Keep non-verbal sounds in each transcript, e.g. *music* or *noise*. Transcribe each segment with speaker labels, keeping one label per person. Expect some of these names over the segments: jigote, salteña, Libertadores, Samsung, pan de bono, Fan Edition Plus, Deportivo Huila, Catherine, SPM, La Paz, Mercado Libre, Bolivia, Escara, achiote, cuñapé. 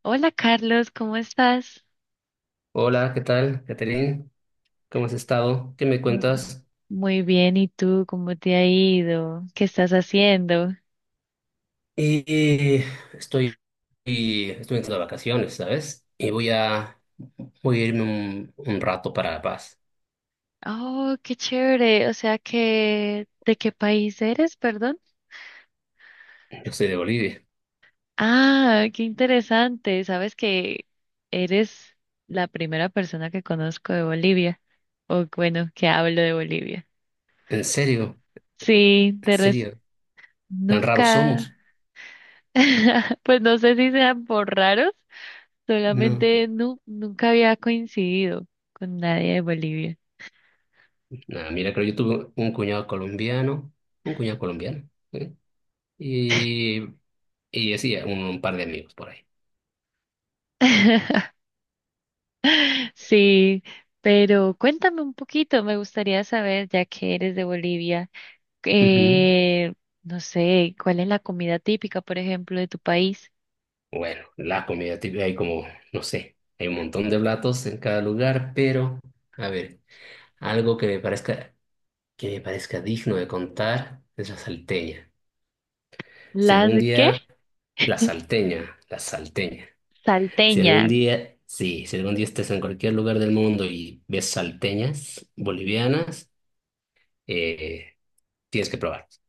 Speaker 1: Hola Carlos, ¿cómo estás?
Speaker 2: Hola, ¿qué tal, Catherine? ¿Cómo has estado? ¿Qué me
Speaker 1: Mm,
Speaker 2: cuentas?
Speaker 1: Muy bien, ¿y tú cómo te ha ido? ¿Qué estás haciendo?
Speaker 2: Y y estoy, y estoy entrando de vacaciones, ¿sabes? Voy a irme un rato para La Paz.
Speaker 1: Oh, qué chévere. O sea que, ¿de qué país eres, perdón?
Speaker 2: Yo soy de Bolivia.
Speaker 1: Ah, qué interesante. Sabes que eres la primera persona que conozco de Bolivia, o bueno, que hablo de Bolivia.
Speaker 2: ¿En serio?
Speaker 1: Sí,
Speaker 2: ¿En
Speaker 1: de res-
Speaker 2: serio? ¿Tan raros somos?
Speaker 1: nunca, *laughs* pues no sé si sean por raros.
Speaker 2: No.
Speaker 1: Solamente nunca había coincidido con nadie de Bolivia.
Speaker 2: Nada, mira, creo yo tuve un cuñado colombiano, ¿eh? Y, y así, un par de amigos por ahí.
Speaker 1: *laughs* Sí, pero cuéntame un poquito, me gustaría saber, ya que eres de Bolivia,
Speaker 2: Ujú.
Speaker 1: eh, no sé, ¿cuál es la comida típica, por ejemplo, de tu país?
Speaker 2: Bueno, la comida típica, no sé, hay un montón de platos en cada lugar, pero, a ver, algo que me parezca digno de contar es la salteña. Si
Speaker 1: ¿Las
Speaker 2: algún
Speaker 1: qué?
Speaker 2: día, la salteña. Si
Speaker 1: Salteña.
Speaker 2: algún día, sí, si algún día estés en cualquier lugar del mundo y ves salteñas bolivianas, eh, tienes que probarlas.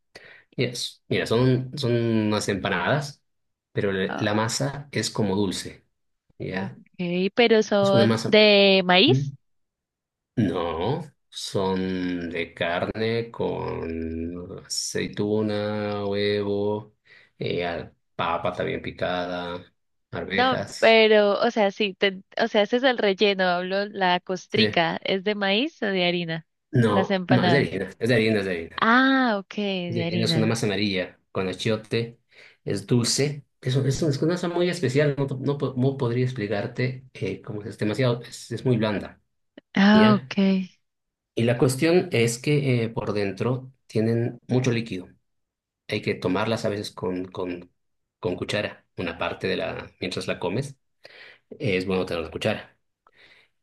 Speaker 2: Yes. Mira, son unas empanadas, pero la
Speaker 1: Ah,
Speaker 2: masa es como dulce,
Speaker 1: ok,
Speaker 2: ¿ya?
Speaker 1: pero
Speaker 2: Es una
Speaker 1: son
Speaker 2: masa.
Speaker 1: de
Speaker 2: ¿Mm?
Speaker 1: maíz.
Speaker 2: No, son de carne con aceituna, huevo, papa también picada,
Speaker 1: No,
Speaker 2: arvejas.
Speaker 1: pero, o sea, sí, o sea, ese es el relleno, hablo, la
Speaker 2: Sí.
Speaker 1: costrica, ¿es de maíz o de harina? Las
Speaker 2: No, no, es de
Speaker 1: empanadas.
Speaker 2: harina, es de harina.
Speaker 1: Ah, ok,
Speaker 2: Es
Speaker 1: de
Speaker 2: de harina, es una
Speaker 1: harina.
Speaker 2: masa amarilla con achiote, es dulce. Es una masa muy especial, no podría explicarte cómo es demasiado, es muy blanda,
Speaker 1: Ah,
Speaker 2: ¿ya?
Speaker 1: ok.
Speaker 2: Y la cuestión es que por dentro tienen mucho líquido. Hay que tomarlas a veces con cuchara, una parte de la, mientras la comes, es bueno tener una cuchara.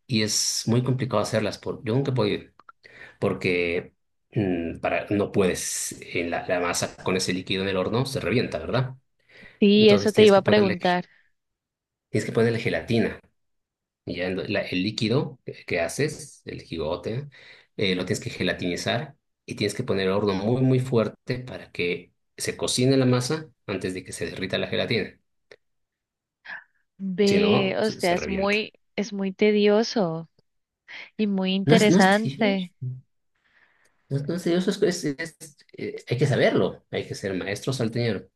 Speaker 2: Y es muy complicado hacerlas, por, yo nunca he podido, porque no puedes, la masa con ese líquido en el horno se revienta, ¿verdad?
Speaker 1: Sí,
Speaker 2: Entonces
Speaker 1: eso te
Speaker 2: tienes
Speaker 1: iba
Speaker 2: que
Speaker 1: a
Speaker 2: ponerle,
Speaker 1: preguntar.
Speaker 2: tienes que ponerle gelatina. El líquido que haces, el jigote, lo tienes que gelatinizar y tienes que poner el horno muy fuerte para que se cocine la masa antes de que se derrita la gelatina. Si
Speaker 1: Ve,
Speaker 2: no,
Speaker 1: o sea,
Speaker 2: se revienta.
Speaker 1: es muy tedioso y muy
Speaker 2: No es tedioso.
Speaker 1: interesante.
Speaker 2: No, no es tedioso, hay que saberlo. Hay que ser maestro salteñero.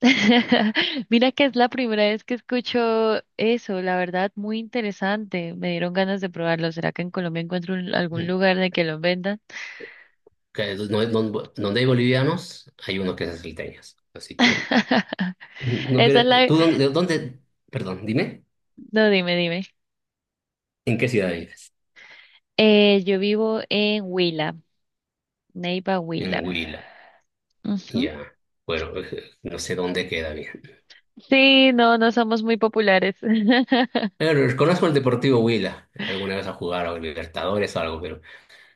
Speaker 1: *laughs* Mira que es la primera vez que escucho eso, la verdad, muy interesante. Me dieron ganas de probarlo. ¿Será que en Colombia encuentro algún
Speaker 2: Mm.
Speaker 1: lugar de que lo vendan?
Speaker 2: Que no- no- donde hay bolivianos, hay uno que es salteñas. Así que,
Speaker 1: *laughs*
Speaker 2: mm, no
Speaker 1: Esa es
Speaker 2: pierde-
Speaker 1: la...
Speaker 2: Perdón, dime,
Speaker 1: No, dime, dime.
Speaker 2: ¿en qué ciudad vives?
Speaker 1: Yo vivo en Huila, Neiva,
Speaker 2: En
Speaker 1: Huila.
Speaker 2: Huila.
Speaker 1: Ujú.
Speaker 2: Ya. Bueno, *laughs* no sé dónde queda bien.
Speaker 1: Sí, no, no somos muy populares. *laughs*
Speaker 2: Pero conozco el Deportivo Huila. Alguna vez a jugar a Libertadores o algo,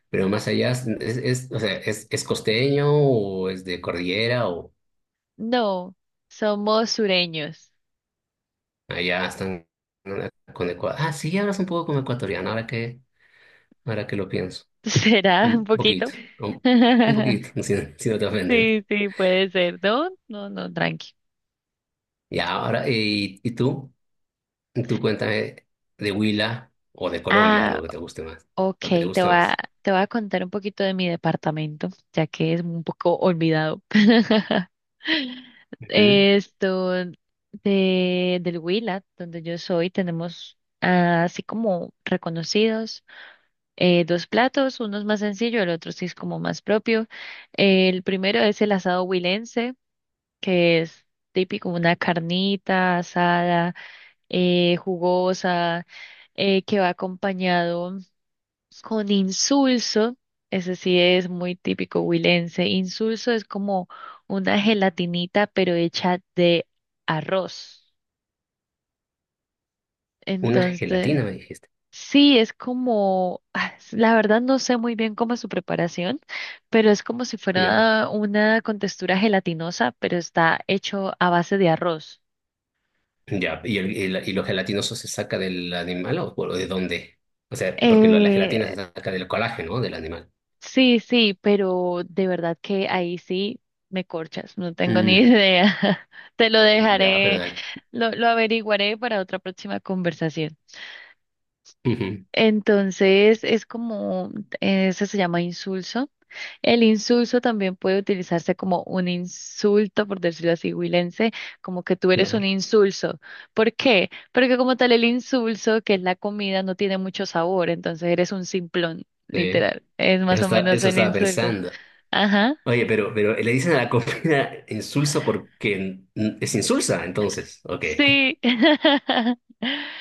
Speaker 2: pero más allá, o sea, es costeño o es de cordillera o...?
Speaker 1: No, somos sureños.
Speaker 2: Allá están, ¿no? Con Ecuador. Ah, sí, hablas un poco como ecuatoriano, ahora que lo pienso.
Speaker 1: *laughs* ¿Será un
Speaker 2: Un
Speaker 1: poquito?
Speaker 2: poquito, un, un poquito, *laughs*
Speaker 1: *laughs*
Speaker 2: si, no si no te ofendes.
Speaker 1: Sí, sí, puede ser. No, no, no, tranqui.
Speaker 2: Ya, ahora, y tú? Tú cuéntame de Huila o de Colombia, algo
Speaker 1: Ah,
Speaker 2: que te guste más.
Speaker 1: ok,
Speaker 2: Lo que te
Speaker 1: te
Speaker 2: guste
Speaker 1: voy a,
Speaker 2: más.
Speaker 1: te voy a contar un poquito de mi departamento, ya que es un poco olvidado. *laughs*
Speaker 2: Ujú.
Speaker 1: Esto, del Huila, donde yo soy, tenemos ah, así como reconocidos. Eh, dos platos, uno es más sencillo, el otro sí es como más propio. El primero es el asado huilense, que es típico, una carnita asada, jugosa, que va acompañado con insulso, ese sí es muy típico huilense. Insulso es como una gelatinita, pero hecha de arroz.
Speaker 2: Una
Speaker 1: Entonces,
Speaker 2: gelatina, me dijiste.
Speaker 1: sí, es como, ah, la verdad no sé muy bien cómo es su preparación, pero es como si
Speaker 2: Ya,
Speaker 1: fuera una con textura gelatinosa, pero está hecho a base de arroz.
Speaker 2: ya. Y lo gelatinoso se saca del animal o de dónde? O sea, porque lo- la
Speaker 1: Eh,
Speaker 2: gelatina se saca del colágeno, ¿no? Del animal.
Speaker 1: sí, sí, pero de verdad que ahí sí me corchas, no tengo ni
Speaker 2: Mm.
Speaker 1: idea. *laughs* Te lo
Speaker 2: Ya, pero
Speaker 1: dejaré,
Speaker 2: dale.
Speaker 1: lo averiguaré para otra próxima conversación.
Speaker 2: Ujú.
Speaker 1: Entonces es como, eso se llama insulso. El insulso también puede utilizarse como un insulto, por decirlo así, huilense, como que tú eres un
Speaker 2: Claro.
Speaker 1: insulso. ¿Por qué? Porque como tal el insulso, que es la comida, no tiene mucho sabor, entonces eres un simplón,
Speaker 2: Sí.
Speaker 1: literal. Es
Speaker 2: Eso,
Speaker 1: más o
Speaker 2: está-
Speaker 1: menos
Speaker 2: eso
Speaker 1: el
Speaker 2: estaba
Speaker 1: insulto.
Speaker 2: pensando.
Speaker 1: Ajá,
Speaker 2: Oye, pero le dicen a la comida *laughs* insulsa porque es insulsa, entonces. Ok.
Speaker 1: sí. *laughs*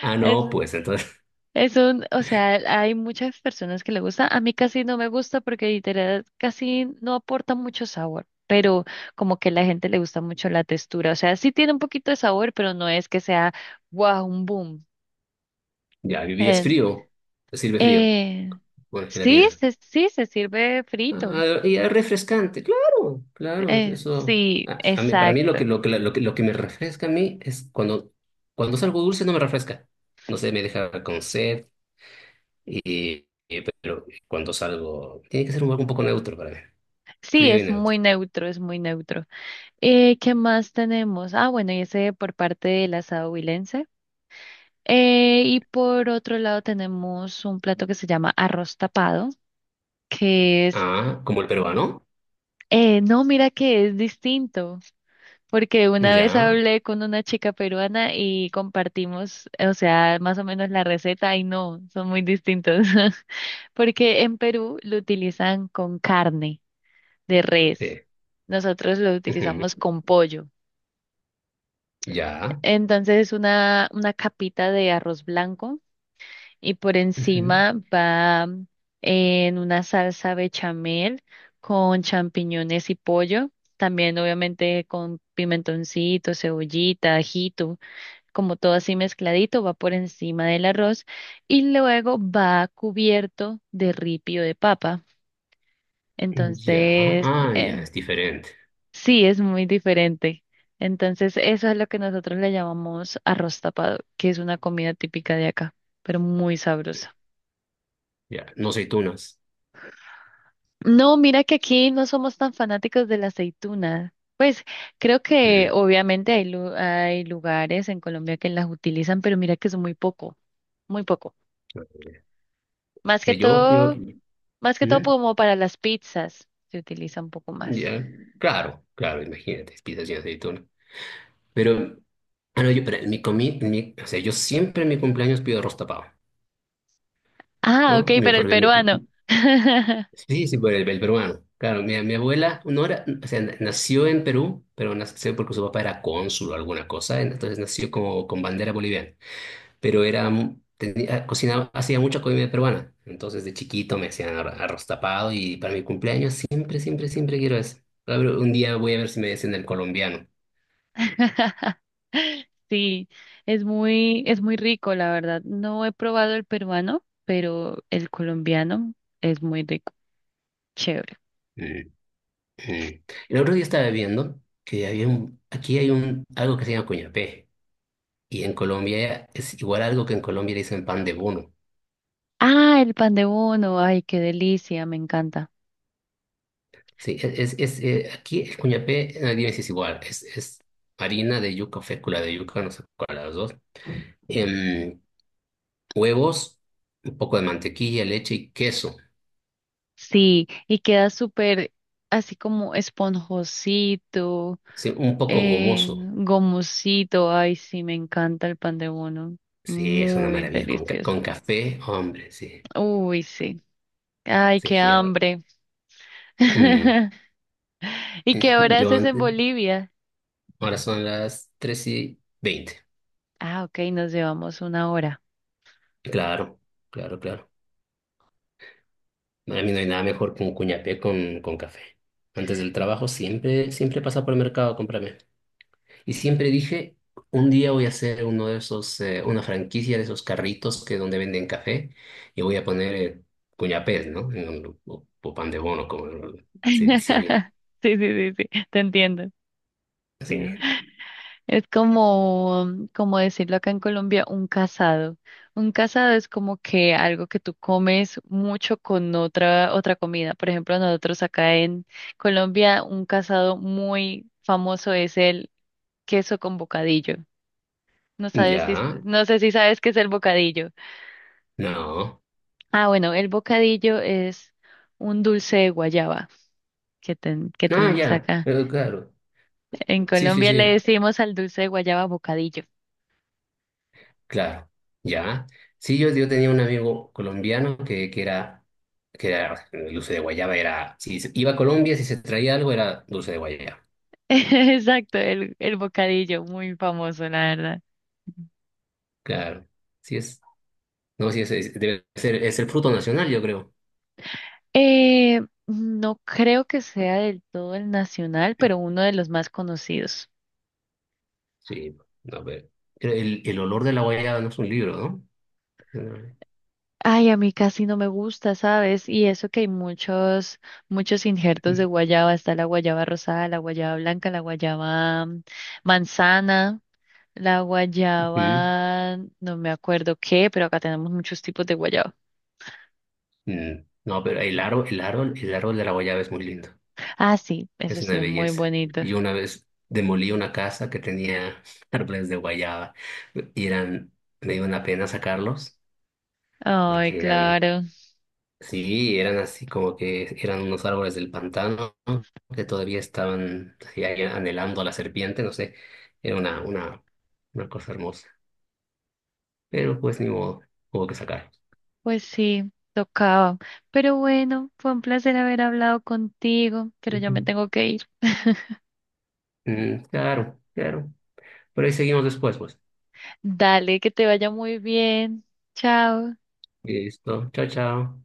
Speaker 2: Ah,
Speaker 1: Es,
Speaker 2: no, pues entonces. *laughs*
Speaker 1: es un, o sea, hay muchas personas que le gusta. A mí casi no me gusta porque literal casi no aporta mucho sabor, pero como que a la gente le gusta mucho la textura. O sea, sí tiene un poquito de sabor, pero no es que sea wow, un boom.
Speaker 2: Ya, y es
Speaker 1: Eh,
Speaker 2: frío. Te sirve frío.
Speaker 1: eh,
Speaker 2: Bueno,
Speaker 1: sí,
Speaker 2: gelatina.
Speaker 1: sí, se sirve frito.
Speaker 2: Ah, y es refrescante. Claro, claro, eso.
Speaker 1: Sí,
Speaker 2: Para mí
Speaker 1: exacto.
Speaker 2: lo que me refresca a mí es cuando, cuando es algo dulce no me refresca. No sé, me deja con sed. Pero cuando salgo, tiene que ser un algo un poco neutro para mí.
Speaker 1: Sí,
Speaker 2: Frío y
Speaker 1: es
Speaker 2: neutro.
Speaker 1: muy neutro, es muy neutro. ¿Qué más tenemos? Ah, bueno, y ese por parte del asado huilense. Y por otro lado tenemos un plato que se llama arroz tapado, que es,
Speaker 2: Ah, como el peruano.
Speaker 1: no, mira que es distinto, porque una vez
Speaker 2: Ya.
Speaker 1: hablé con una chica peruana y compartimos, o sea, más o menos la receta y no, son muy distintos, *laughs* porque en Perú lo utilizan con carne de res.
Speaker 2: T.
Speaker 1: Nosotros lo
Speaker 2: Ujú.
Speaker 1: utilizamos con pollo.
Speaker 2: Ya,
Speaker 1: Entonces es una capita de arroz blanco y por
Speaker 2: ujú,
Speaker 1: encima va mm, en una salsa bechamel con champiñones y pollo, también obviamente con pimentoncito, cebollita, ajito, como todo así mezcladito, va por encima del arroz y luego va cubierto de ripio de papa.
Speaker 2: ya.
Speaker 1: Entonces,
Speaker 2: Ah, ya, es diferente.
Speaker 1: sí, es muy diferente. Entonces, eso es lo que nosotros le llamamos arroz tapado, que es una comida típica de acá, pero muy sabrosa.
Speaker 2: Ya, no aceitunas.
Speaker 1: No, mira que aquí no somos tan fanáticos de la aceituna. Pues creo que
Speaker 2: Mm,
Speaker 1: obviamente hay, hay lugares en Colombia que las utilizan, pero mira que es muy poco, muy poco. Más que
Speaker 2: yo,
Speaker 1: todo, más que todo
Speaker 2: mm,
Speaker 1: como para las pizzas se utiliza un poco más.
Speaker 2: ya. Claro, claro, imagínate, pizzas sin aceituna. Pero, ah, no, yo, pero en mi comi, en mi- o sea, yo siempre en mi cumpleaños pido arroz tapado,
Speaker 1: Ah, ok,
Speaker 2: ¿no?
Speaker 1: pero el peruano.
Speaker 2: Sí, sí, por el peruano. Claro, mi abuela, no era, o sea, na- nació en Perú, pero nació porque su papá era cónsul o alguna cosa, entonces nació como con bandera boliviana. Tenía, cocinaba, hacía mucha comida peruana. Entonces de chiquito me hacían arroz tapado y para mi cumpleaños siempre, siempre, siempre quiero eso. A ver, un día voy a ver si me hacen el colombiano.
Speaker 1: *laughs* Sí, es muy rico, la verdad. No he probado el peruano, pero el colombiano es muy rico, chévere.
Speaker 2: Mm, mm. El otro día estaba viendo que aquí hay un, algo que se llama cuñapé y en Colombia es igual algo que en Colombia le dicen pan de bono.
Speaker 1: Ah, el pan de bono. Ay, qué delicia, me encanta.
Speaker 2: Sí, aquí el cuñapé, nadie dice es igual, es harina de yuca, fécula de yuca, no sé cuál de las dos. Em, huevos, un poco de mantequilla, leche y queso.
Speaker 1: Sí, y queda súper así como esponjosito,
Speaker 2: Sí, un poco gomoso.
Speaker 1: gomosito. Ay, sí, me encanta el pan de bono.
Speaker 2: Sí, es una
Speaker 1: Muy
Speaker 2: maravilla.
Speaker 1: delicioso.
Speaker 2: Con café, hombre, sí.
Speaker 1: Uy, sí. Ay,
Speaker 2: Sí,
Speaker 1: qué
Speaker 2: yo.
Speaker 1: hambre.
Speaker 2: Mm,
Speaker 1: *laughs* ¿Y qué hora
Speaker 2: yo
Speaker 1: haces en
Speaker 2: antes.
Speaker 1: Bolivia?
Speaker 2: Ahora son las 3:20.
Speaker 1: Ah, ok, nos llevamos una hora.
Speaker 2: Claro, claro, claro. Para mí no hay nada mejor que un cuñapé con café. Antes del trabajo siempre, siempre pasa por el mercado a comprarme. Y siempre dije, un día voy a hacer uno de esos, una franquicia de esos carritos que donde venden café y voy a poner cuñapés, ¿no? O pan de bono, como lo- se dice allá.
Speaker 1: *laughs* Sí, sí, sí, sí, te entiendo.
Speaker 2: Sí.
Speaker 1: Es como, como decirlo acá en Colombia, un casado. Un casado es como que algo que tú comes mucho con otra comida. Por ejemplo, nosotros acá en Colombia, un casado muy famoso es el queso con bocadillo. No sabes si,
Speaker 2: Ya.
Speaker 1: no sé si sabes qué es el bocadillo.
Speaker 2: No.
Speaker 1: Ah, bueno, el bocadillo es un dulce de guayaba que
Speaker 2: No,
Speaker 1: tenemos
Speaker 2: ya.
Speaker 1: acá.
Speaker 2: Claro.
Speaker 1: En
Speaker 2: Sí, sí,
Speaker 1: Colombia le
Speaker 2: sí.
Speaker 1: decimos al dulce de guayaba bocadillo.
Speaker 2: Claro. Ya. Sí, yo tenía un amigo colombiano que era dulce de guayaba, era, si se- iba a Colombia, si se traía algo, era dulce de guayaba.
Speaker 1: *laughs* Exacto, el bocadillo, muy famoso, la verdad.
Speaker 2: Claro. Sí, es. No, sí, debe ser, es el fruto nacional, yo creo.
Speaker 1: Eh, no creo que sea del todo el nacional, pero uno de los más conocidos.
Speaker 2: Sí, a ver. El olor de la guayaba no es un libro, ¿no?
Speaker 1: Ay, a mí casi no me gusta, ¿sabes? Y eso que hay muchos, muchos injertos de guayaba. Está la guayaba rosada, la guayaba blanca, la guayaba mm, manzana, la
Speaker 2: Mm,
Speaker 1: guayaba, no me acuerdo qué, pero acá tenemos muchos tipos de guayaba.
Speaker 2: mm. No, pero el árbol de la guayaba es muy lindo.
Speaker 1: Ah, sí, eso
Speaker 2: Es una
Speaker 1: sí es muy
Speaker 2: belleza.
Speaker 1: bonito.
Speaker 2: Y una vez demolí una casa que tenía *laughs* árboles de guayaba y eran, me dio una pena sacarlos
Speaker 1: Ay,
Speaker 2: porque eran.
Speaker 1: claro.
Speaker 2: Sí, eran así como que eran unos árboles del pantano que todavía estaban así ahí anhelando a la serpiente, no sé, era una cosa hermosa. Pero pues ni modo, hubo que sacar.
Speaker 1: Pues sí, tocaba. Pero bueno, fue un placer haber hablado contigo, pero ya
Speaker 2: Ujú.
Speaker 1: me tengo que ir. *laughs*
Speaker 2: Mm, claro, claro. Por ahí seguimos después, pues.
Speaker 1: Dale, que te vaya muy bien. Chao.
Speaker 2: Listo, chao, chao.